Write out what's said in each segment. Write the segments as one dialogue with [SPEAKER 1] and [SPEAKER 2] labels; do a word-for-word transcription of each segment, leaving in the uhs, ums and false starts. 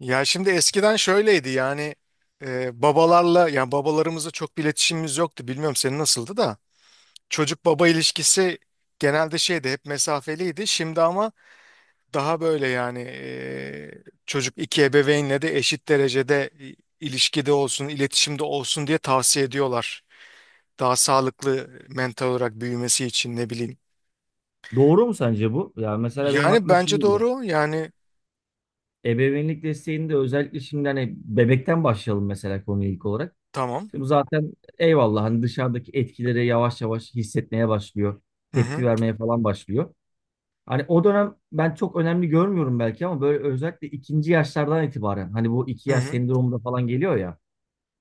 [SPEAKER 1] Ya şimdi eskiden şöyleydi yani e, babalarla yani babalarımızla çok bir iletişimimiz yoktu. Bilmiyorum senin nasıldı da çocuk baba ilişkisi genelde şeydi hep mesafeliydi. Şimdi ama daha böyle yani e, çocuk iki ebeveynle de eşit derecede i- ilişkide olsun, iletişimde olsun diye tavsiye ediyorlar. Daha sağlıklı mental olarak büyümesi için ne bileyim.
[SPEAKER 2] Doğru mu sence bu? Ya mesela benim
[SPEAKER 1] Yani
[SPEAKER 2] aklıma şu
[SPEAKER 1] bence
[SPEAKER 2] geliyor.
[SPEAKER 1] doğru yani
[SPEAKER 2] Ebeveynlik desteğinde özellikle şimdi hani bebekten başlayalım mesela konuya ilk olarak.
[SPEAKER 1] tamam.
[SPEAKER 2] Şimdi zaten eyvallah hani dışarıdaki etkileri yavaş yavaş hissetmeye başlıyor.
[SPEAKER 1] Hı
[SPEAKER 2] Tepki
[SPEAKER 1] hı
[SPEAKER 2] vermeye falan başlıyor. Hani o dönem ben çok önemli görmüyorum belki ama böyle özellikle ikinci yaşlardan itibaren hani bu iki
[SPEAKER 1] hı
[SPEAKER 2] yaş
[SPEAKER 1] hı
[SPEAKER 2] sendromunda falan geliyor ya.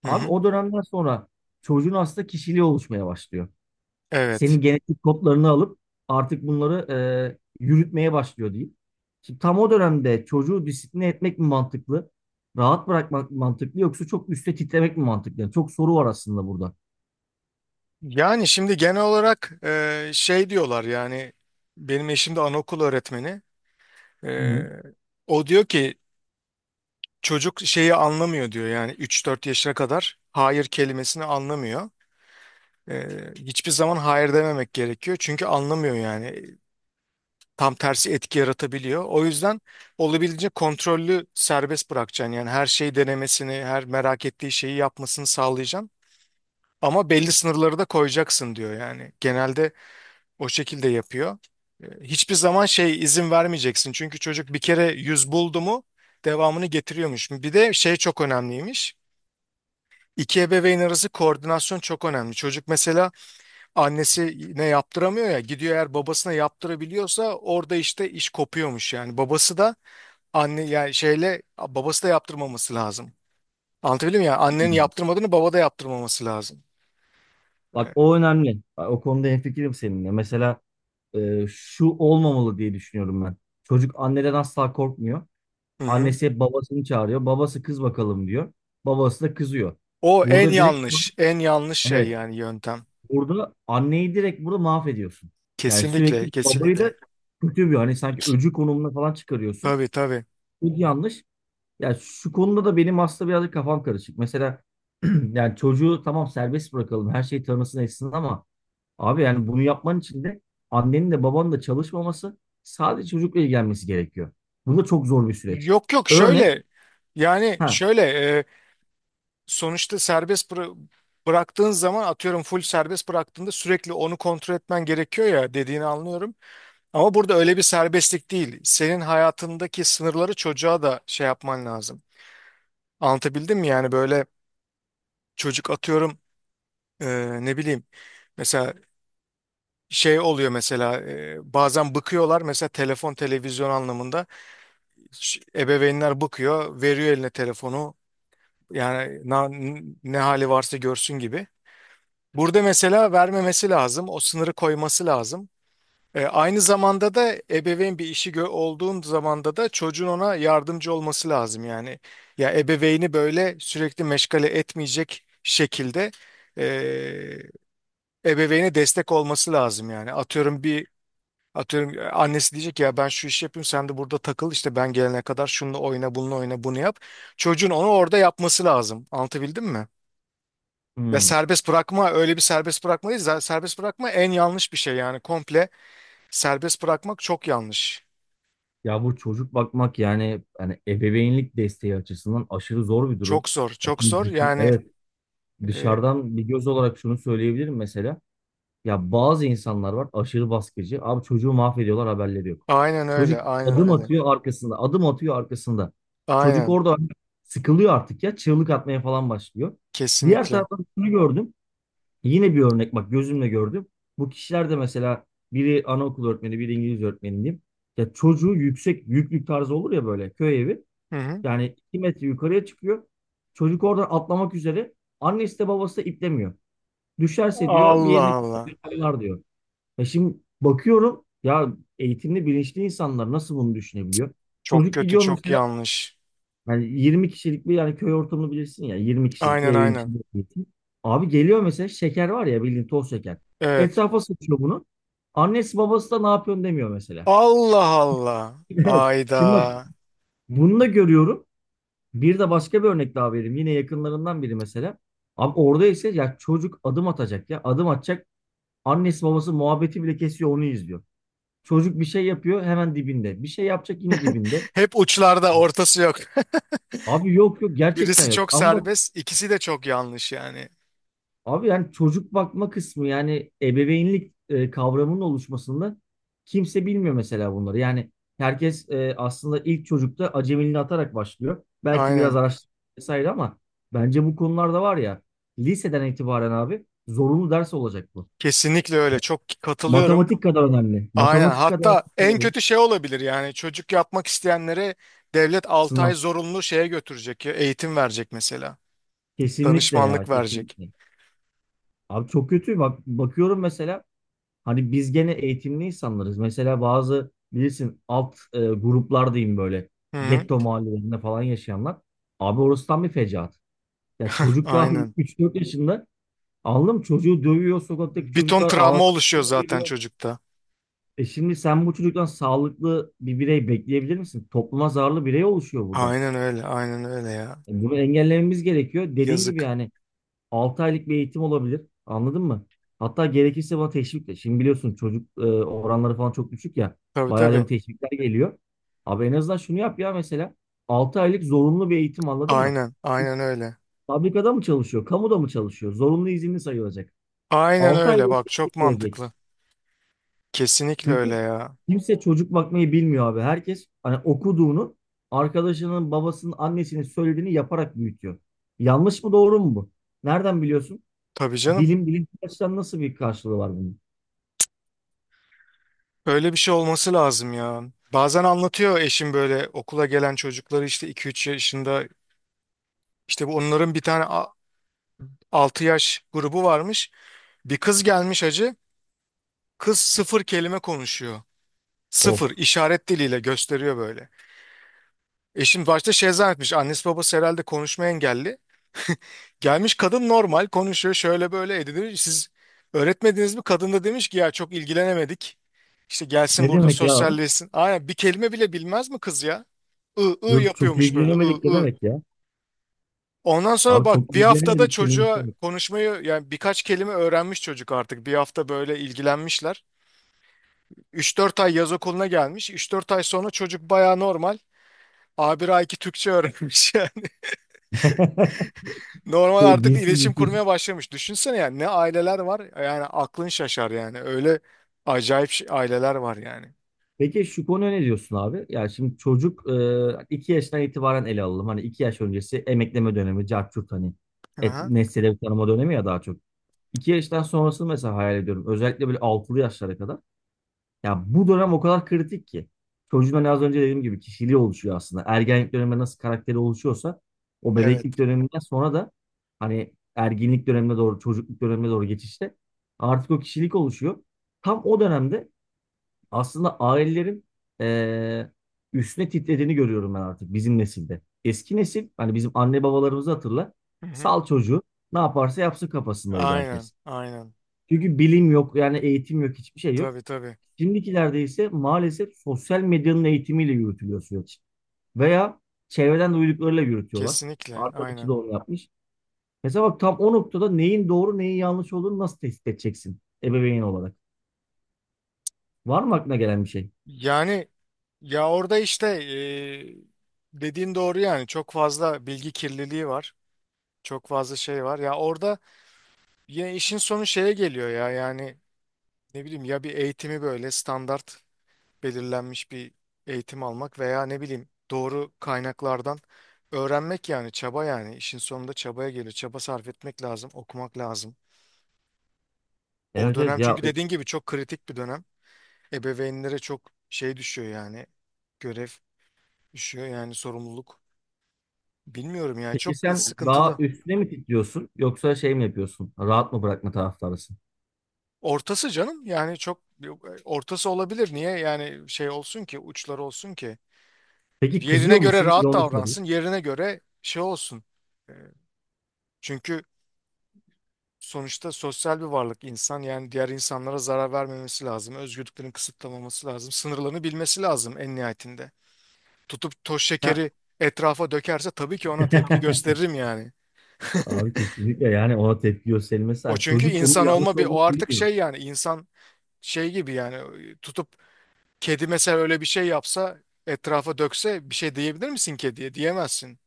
[SPEAKER 1] hı.
[SPEAKER 2] Abi
[SPEAKER 1] Hı.
[SPEAKER 2] o dönemden sonra çocuğun aslında kişiliği oluşmaya başlıyor.
[SPEAKER 1] Evet.
[SPEAKER 2] Senin genetik kodlarını alıp artık bunları e, yürütmeye başlıyor diyeyim. Şimdi tam o dönemde çocuğu disipline etmek mi mantıklı? Rahat bırakmak mı mantıklı yoksa çok üstte titremek mi mantıklı? Yani çok soru var aslında burada.
[SPEAKER 1] Yani şimdi genel olarak e, şey diyorlar yani benim eşim de anaokul öğretmeni.
[SPEAKER 2] Hı
[SPEAKER 1] E,
[SPEAKER 2] hı.
[SPEAKER 1] o diyor ki çocuk şeyi anlamıyor diyor yani üç dört yaşına kadar hayır kelimesini anlamıyor. E, hiçbir zaman hayır dememek gerekiyor çünkü anlamıyor yani tam tersi etki yaratabiliyor. O yüzden olabildiğince kontrollü serbest bırakacaksın yani her şeyi denemesini her merak ettiği şeyi yapmasını sağlayacaksın. Ama belli sınırları da koyacaksın diyor yani. Genelde o şekilde yapıyor. E, Hiçbir zaman şey izin vermeyeceksin. Çünkü çocuk bir kere yüz buldu mu devamını getiriyormuş. Bir de şey çok önemliymiş. İki ebeveyn arası koordinasyon çok önemli. Çocuk mesela annesine yaptıramıyor ya gidiyor eğer babasına yaptırabiliyorsa orada işte iş kopuyormuş yani. Babası da anne yani şeyle babası da yaptırmaması lazım. Anlatabildim mi? Yani annenin yaptırmadığını baba da yaptırmaması lazım.
[SPEAKER 2] Bak
[SPEAKER 1] E,
[SPEAKER 2] o önemli. Bak, o konuda hemfikirim seninle. Mesela e, şu olmamalı diye düşünüyorum ben. Çocuk anneden asla korkmuyor.
[SPEAKER 1] Hı hı.
[SPEAKER 2] Annesi hep babasını çağırıyor. Babası kız bakalım diyor. Babası da kızıyor.
[SPEAKER 1] O en
[SPEAKER 2] Burada direkt,
[SPEAKER 1] yanlış, en yanlış şey
[SPEAKER 2] evet,
[SPEAKER 1] yani yöntem.
[SPEAKER 2] burada anneyi direkt burada mahvediyorsun. Yani
[SPEAKER 1] Kesinlikle,
[SPEAKER 2] sürekli babayı da
[SPEAKER 1] kesinlikle.
[SPEAKER 2] kötü bir hani sanki öcü konumuna falan çıkarıyorsun.
[SPEAKER 1] Tabii tabii.
[SPEAKER 2] Bu yanlış. Yani şu konuda da benim aslında birazcık kafam karışık. Mesela yani çocuğu tamam serbest bırakalım her şeyi tanısın etsin ama abi yani bunu yapman için de annenin de babanın da çalışmaması sadece çocukla ilgilenmesi gerekiyor. Bu da çok zor bir süreç.
[SPEAKER 1] Yok yok
[SPEAKER 2] Örnek.
[SPEAKER 1] şöyle yani
[SPEAKER 2] ha
[SPEAKER 1] şöyle e, sonuçta serbest bıra- bıraktığın zaman atıyorum full serbest bıraktığında sürekli onu kontrol etmen gerekiyor ya dediğini anlıyorum. Ama burada öyle bir serbestlik değil. Senin hayatındaki sınırları çocuğa da şey yapman lazım. Anlatabildim mi yani böyle çocuk atıyorum e, ne bileyim mesela şey oluyor mesela e, bazen bıkıyorlar mesela telefon televizyon anlamında. Ş- ebeveynler bakıyor, veriyor eline telefonu. Yani na- ne hali varsa görsün gibi. Burada mesela vermemesi lazım, o sınırı koyması lazım. E, aynı zamanda da ebeveyn bir işi gö- olduğun zamanda da çocuğun ona yardımcı olması lazım yani. Ya ebeveyni böyle sürekli meşgale etmeyecek şekilde e, ebeveyne destek olması lazım yani. Atıyorum bir Atıyorum e, annesi diyecek ya ben şu işi yapayım sen de burada takıl işte ben gelene kadar şununla oyna bununla oyna bunu yap. Çocuğun onu orada yapması lazım. Anlatabildim mi? Ve
[SPEAKER 2] hmm,
[SPEAKER 1] serbest bırakma öyle bir serbest bırakma değil. Z- Serbest bırakma en yanlış bir şey yani komple serbest bırakmak çok yanlış.
[SPEAKER 2] Ya bu çocuk bakmak yani yani ebeveynlik desteği açısından aşırı zor bir durum.
[SPEAKER 1] Çok zor
[SPEAKER 2] E
[SPEAKER 1] çok
[SPEAKER 2] çünkü
[SPEAKER 1] zor
[SPEAKER 2] düşün,
[SPEAKER 1] yani
[SPEAKER 2] evet,
[SPEAKER 1] e,
[SPEAKER 2] dışarıdan bir göz olarak şunu söyleyebilirim mesela. Ya bazı insanlar var aşırı baskıcı. Abi çocuğu mahvediyorlar, haberleri yok.
[SPEAKER 1] aynen
[SPEAKER 2] Çocuk
[SPEAKER 1] öyle aynen
[SPEAKER 2] adım
[SPEAKER 1] öyle.
[SPEAKER 2] atıyor arkasında. Adım atıyor arkasında. Çocuk
[SPEAKER 1] Aynen
[SPEAKER 2] orada sıkılıyor artık ya. Çığlık atmaya falan başlıyor. Diğer
[SPEAKER 1] kesinlikle.
[SPEAKER 2] taraftan şunu gördüm. Yine bir örnek, bak gözümle gördüm. Bu kişiler de mesela biri anaokulu öğretmeni, biri İngiliz öğretmeni diyeyim. Ya çocuğu yüksek yüklük tarzı olur ya, böyle köy evi.
[SPEAKER 1] Hı hı.
[SPEAKER 2] Yani iki metre yukarıya çıkıyor. Çocuk oradan atlamak üzere. Annesi de babası da iplemiyor. Düşerse diyor bir
[SPEAKER 1] Allah
[SPEAKER 2] yerini
[SPEAKER 1] Allah.
[SPEAKER 2] kırarlar diyor. Ya şimdi bakıyorum ya, eğitimli bilinçli insanlar nasıl bunu düşünebiliyor?
[SPEAKER 1] Çok
[SPEAKER 2] Çocuk
[SPEAKER 1] kötü
[SPEAKER 2] gidiyor
[SPEAKER 1] çok
[SPEAKER 2] mesela,
[SPEAKER 1] yanlış.
[SPEAKER 2] yani yirmi kişilik bir, yani köy ortamını bilirsin ya, yirmi kişilik bir
[SPEAKER 1] Aynen
[SPEAKER 2] evin
[SPEAKER 1] aynen.
[SPEAKER 2] içinde eğitim. Abi geliyor mesela, şeker var ya bildiğin toz şeker.
[SPEAKER 1] Evet.
[SPEAKER 2] Etrafa sıçıyor bunu. Annesi babası da ne yapıyorsun demiyor mesela.
[SPEAKER 1] Allah Allah.
[SPEAKER 2] Evet. Şimdi bak,
[SPEAKER 1] Ayda.
[SPEAKER 2] bunu da görüyorum. Bir de başka bir örnek daha vereyim. Yine yakınlarından biri mesela. Abi orada ise ya, çocuk adım atacak ya. Adım atacak. Annesi babası muhabbeti bile kesiyor, onu izliyor. Çocuk bir şey yapıyor, hemen dibinde. Bir şey yapacak, yine dibinde.
[SPEAKER 1] Hep uçlarda ortası yok.
[SPEAKER 2] Abi yok yok, gerçekten
[SPEAKER 1] Birisi
[SPEAKER 2] yok.
[SPEAKER 1] çok
[SPEAKER 2] Ama bak
[SPEAKER 1] serbest, ikisi de çok yanlış yani.
[SPEAKER 2] abi, yani çocuk bakma kısmı, yani ebeveynlik e, kavramının oluşmasında kimse bilmiyor mesela bunları. Yani herkes e, aslında ilk çocukta acemiliğini atarak başlıyor. Belki biraz
[SPEAKER 1] Aynen.
[SPEAKER 2] araştırma vesaire, ama bence bu konularda var ya, liseden itibaren abi zorunlu ders olacak bu.
[SPEAKER 1] Kesinlikle öyle. Çok katılıyorum.
[SPEAKER 2] Matematik kadar önemli.
[SPEAKER 1] Aynen.
[SPEAKER 2] Matematik kadar önemli
[SPEAKER 1] Hatta en
[SPEAKER 2] ya bu.
[SPEAKER 1] kötü şey olabilir yani çocuk yapmak isteyenlere devlet altı ay
[SPEAKER 2] Sınav.
[SPEAKER 1] zorunlu şeye götürecek, ya, eğitim verecek mesela.
[SPEAKER 2] Kesinlikle ya,
[SPEAKER 1] Danışmanlık verecek.
[SPEAKER 2] kesinlikle. Abi çok kötü, bak bakıyorum mesela, hani biz gene eğitimli insanlarız. Mesela bazı bilirsin alt e, gruplar diyeyim, böyle
[SPEAKER 1] Hı hı.
[SPEAKER 2] getto mahallelerinde falan yaşayanlar. Abi orası tam bir fecaat. Ya çocuk daha
[SPEAKER 1] Aynen.
[SPEAKER 2] üç dört yaşında, anladın mı? Çocuğu dövüyor sokaktaki
[SPEAKER 1] Bir ton
[SPEAKER 2] çocuklar,
[SPEAKER 1] travma
[SPEAKER 2] ağzına
[SPEAKER 1] oluşuyor zaten
[SPEAKER 2] geliyor.
[SPEAKER 1] çocukta.
[SPEAKER 2] E şimdi sen bu çocuktan sağlıklı bir birey bekleyebilir misin? Topluma zararlı birey oluşuyor burada.
[SPEAKER 1] Aynen öyle, aynen öyle ya.
[SPEAKER 2] E bunu engellememiz gerekiyor. Dediğin gibi,
[SPEAKER 1] Yazık.
[SPEAKER 2] yani altı aylık bir eğitim olabilir. Anladın mı? Hatta gerekirse buna teşvikle. Şimdi biliyorsun çocuk e, oranları falan çok düşük ya.
[SPEAKER 1] Tabii
[SPEAKER 2] Bayağı da bu
[SPEAKER 1] tabii.
[SPEAKER 2] teşvikler geliyor. Abi en azından şunu yap ya mesela. altı aylık zorunlu bir eğitim, anladın mı?
[SPEAKER 1] Aynen, aynen öyle.
[SPEAKER 2] Fabrikada mı çalışıyor? Kamuda mı çalışıyor? Zorunlu izinli sayılacak.
[SPEAKER 1] Aynen
[SPEAKER 2] altı ay
[SPEAKER 1] öyle.
[SPEAKER 2] boyunca
[SPEAKER 1] Bak çok
[SPEAKER 2] eğitim görecek.
[SPEAKER 1] mantıklı. Kesinlikle
[SPEAKER 2] Çünkü
[SPEAKER 1] öyle ya.
[SPEAKER 2] kimse çocuk bakmayı bilmiyor abi. Herkes hani okuduğunu, arkadaşının, babasının, annesinin söylediğini yaparak büyütüyor. Yanlış mı doğru mu bu? Nereden biliyorsun?
[SPEAKER 1] Tabii canım.
[SPEAKER 2] Bilim bilim açıdan nasıl bir karşılığı var bunun?
[SPEAKER 1] Öyle bir şey olması lazım ya. Bazen anlatıyor eşim böyle okula gelen çocukları işte iki üç yaşında işte bu onların bir tane altı yaş grubu varmış. Bir kız gelmiş hacı. Kız sıfır kelime konuşuyor. Sıfır
[SPEAKER 2] Of.
[SPEAKER 1] işaret diliyle gösteriyor böyle. Eşim başta şey zannetmiş. Annesi babası herhalde konuşma engelli. Gelmiş kadın normal konuşuyor şöyle böyle edinir. Siz öğretmediniz mi? Kadın da demiş ki ya çok ilgilenemedik. İşte gelsin
[SPEAKER 2] Ne
[SPEAKER 1] burada
[SPEAKER 2] demek ya abi?
[SPEAKER 1] sosyalleşsin. Aynen bir kelime bile bilmez mi kız ya? I ı
[SPEAKER 2] Yok çok
[SPEAKER 1] yapıyormuş böyle
[SPEAKER 2] ilgilenemedik ne
[SPEAKER 1] ı ı.
[SPEAKER 2] demek ya?
[SPEAKER 1] Ondan sonra
[SPEAKER 2] Abi
[SPEAKER 1] bak
[SPEAKER 2] çok
[SPEAKER 1] bir haftada
[SPEAKER 2] ilgilenemedik kelimesi
[SPEAKER 1] çocuğa
[SPEAKER 2] var.
[SPEAKER 1] konuşmayı yani birkaç kelime öğrenmiş çocuk artık. Bir hafta böyle ilgilenmişler. Üç dört ay yaz okuluna gelmiş. Üç dört ay sonra çocuk baya normal. a bir A iki Türkçe öğrenmiş. Normal
[SPEAKER 2] Şey,
[SPEAKER 1] artık
[SPEAKER 2] dilsiz
[SPEAKER 1] iletişim
[SPEAKER 2] bir çocuk.
[SPEAKER 1] kurmaya başlamış. Düşünsene yani ne aileler var. Yani aklın şaşar yani. Öyle acayip şey- aileler var yani.
[SPEAKER 2] Peki şu konuya ne diyorsun abi? Yani şimdi çocuk e, iki yaşından itibaren ele alalım. Hani iki yaş öncesi emekleme dönemi, cart curt hani et,
[SPEAKER 1] Aha,
[SPEAKER 2] nesneleri tanıma dönemi ya, daha çok. iki yaştan sonrasını mesela hayal ediyorum. Özellikle böyle altılı yaşlara kadar. Ya bu dönem o kadar kritik ki. Çocuğun hani az önce dediğim gibi kişiliği oluşuyor aslında. Ergenlik döneminde nasıl karakteri oluşuyorsa, o
[SPEAKER 1] evet.
[SPEAKER 2] bebeklik döneminden sonra da hani erginlik dönemine doğru, çocukluk dönemine doğru geçişte artık o kişilik oluşuyor. Tam o dönemde aslında ailelerin eee, üstüne titrediğini görüyorum ben, artık bizim nesilde. Eski nesil hani, bizim anne babalarımızı hatırla.
[SPEAKER 1] Hı hı.
[SPEAKER 2] Sal çocuğu, ne yaparsa yapsın kafasındaydı
[SPEAKER 1] Aynen,
[SPEAKER 2] herkes.
[SPEAKER 1] aynen.
[SPEAKER 2] Çünkü bilim yok, yani eğitim yok, hiçbir şey yok.
[SPEAKER 1] Tabii tabii.
[SPEAKER 2] Şimdikilerde ise maalesef sosyal medyanın eğitimiyle yürütülüyor süreç. Veya çevreden duyduklarıyla yürütüyorlar.
[SPEAKER 1] Kesinlikle,
[SPEAKER 2] Arkadaşı da
[SPEAKER 1] aynen.
[SPEAKER 2] onu yapmış. Mesela bak, tam o noktada neyin doğru neyin yanlış olduğunu nasıl tespit edeceksin ebeveyn olarak? Var mı aklına gelen bir şey?
[SPEAKER 1] Yani ya orada işte e, dediğin doğru yani. Çok fazla bilgi kirliliği var. Çok fazla şey var. Ya orada ya işin sonu şeye geliyor ya. Yani ne bileyim ya bir eğitimi böyle standart belirlenmiş bir eğitim almak veya ne bileyim doğru kaynaklardan öğrenmek yani çaba yani işin sonunda çabaya geliyor. Çaba sarf etmek lazım, okumak lazım. O
[SPEAKER 2] Evet
[SPEAKER 1] dönem
[SPEAKER 2] evet ya
[SPEAKER 1] çünkü
[SPEAKER 2] o-
[SPEAKER 1] dediğin gibi çok kritik bir dönem. Ebeveynlere çok şey düşüyor yani görev düşüyor yani sorumluluk. Bilmiyorum yani
[SPEAKER 2] peki
[SPEAKER 1] çok
[SPEAKER 2] sen daha
[SPEAKER 1] sıkıntılı.
[SPEAKER 2] üstüne mi titriyorsun, yoksa şey mi yapıyorsun? Rahat mı bırakma taraftarısın?
[SPEAKER 1] Ortası canım yani çok ortası olabilir. Niye yani şey olsun ki uçları olsun ki
[SPEAKER 2] Peki
[SPEAKER 1] yerine
[SPEAKER 2] kızıyor
[SPEAKER 1] göre
[SPEAKER 2] musun? Bir de
[SPEAKER 1] rahat
[SPEAKER 2] onu sorayım.
[SPEAKER 1] davransın yerine göre şey olsun. E, Çünkü sonuçta sosyal bir varlık insan yani diğer insanlara zarar vermemesi lazım. Özgürlüklerini kısıtlamaması lazım. Sınırlarını bilmesi lazım en nihayetinde. Tutup toz
[SPEAKER 2] Sen...
[SPEAKER 1] şekeri etrafa dökerse tabii ki ona tepki gösteririm yani.
[SPEAKER 2] Abi kesinlikle, yani ona tepki gösterilmesi.
[SPEAKER 1] O
[SPEAKER 2] Yani
[SPEAKER 1] çünkü
[SPEAKER 2] çocuk onun
[SPEAKER 1] insan
[SPEAKER 2] yanlış
[SPEAKER 1] olma bir o
[SPEAKER 2] olduğunu
[SPEAKER 1] artık
[SPEAKER 2] biliyor.
[SPEAKER 1] şey yani insan şey gibi yani tutup kedi mesela öyle bir şey yapsa etrafa dökse bir şey diyebilir misin kediye? Diyemezsin.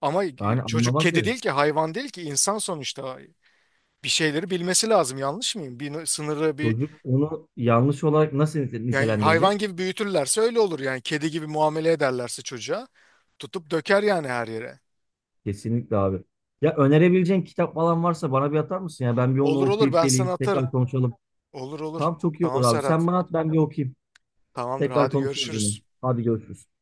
[SPEAKER 1] Ama
[SPEAKER 2] Yani
[SPEAKER 1] çocuk
[SPEAKER 2] anlamaz
[SPEAKER 1] kedi
[SPEAKER 2] derim.
[SPEAKER 1] değil ki hayvan değil ki insan sonuçta bir şeyleri bilmesi lazım yanlış mıyım? Bir sınırı bir.
[SPEAKER 2] Çocuk onu yanlış olarak nasıl nite-
[SPEAKER 1] Yani hayvan
[SPEAKER 2] nitelendirecek?
[SPEAKER 1] gibi büyütürlerse öyle olur yani. Kedi gibi muamele ederlerse çocuğa tutup döker yani her yere.
[SPEAKER 2] Kesinlikle abi. Ya önerebileceğin kitap falan varsa bana bir atar mısın? Ya ben bir onu
[SPEAKER 1] Olur olur
[SPEAKER 2] okuyup
[SPEAKER 1] ben sana
[SPEAKER 2] geleyim.
[SPEAKER 1] atarım.
[SPEAKER 2] Tekrar konuşalım.
[SPEAKER 1] Olur olur.
[SPEAKER 2] Tamam, çok iyi olur
[SPEAKER 1] Tamam
[SPEAKER 2] abi. Sen
[SPEAKER 1] Serhat.
[SPEAKER 2] bana at, ben bir okuyayım.
[SPEAKER 1] Tamamdır
[SPEAKER 2] Tekrar
[SPEAKER 1] hadi
[SPEAKER 2] konuşuruz yine.
[SPEAKER 1] görüşürüz.
[SPEAKER 2] Hadi görüşürüz.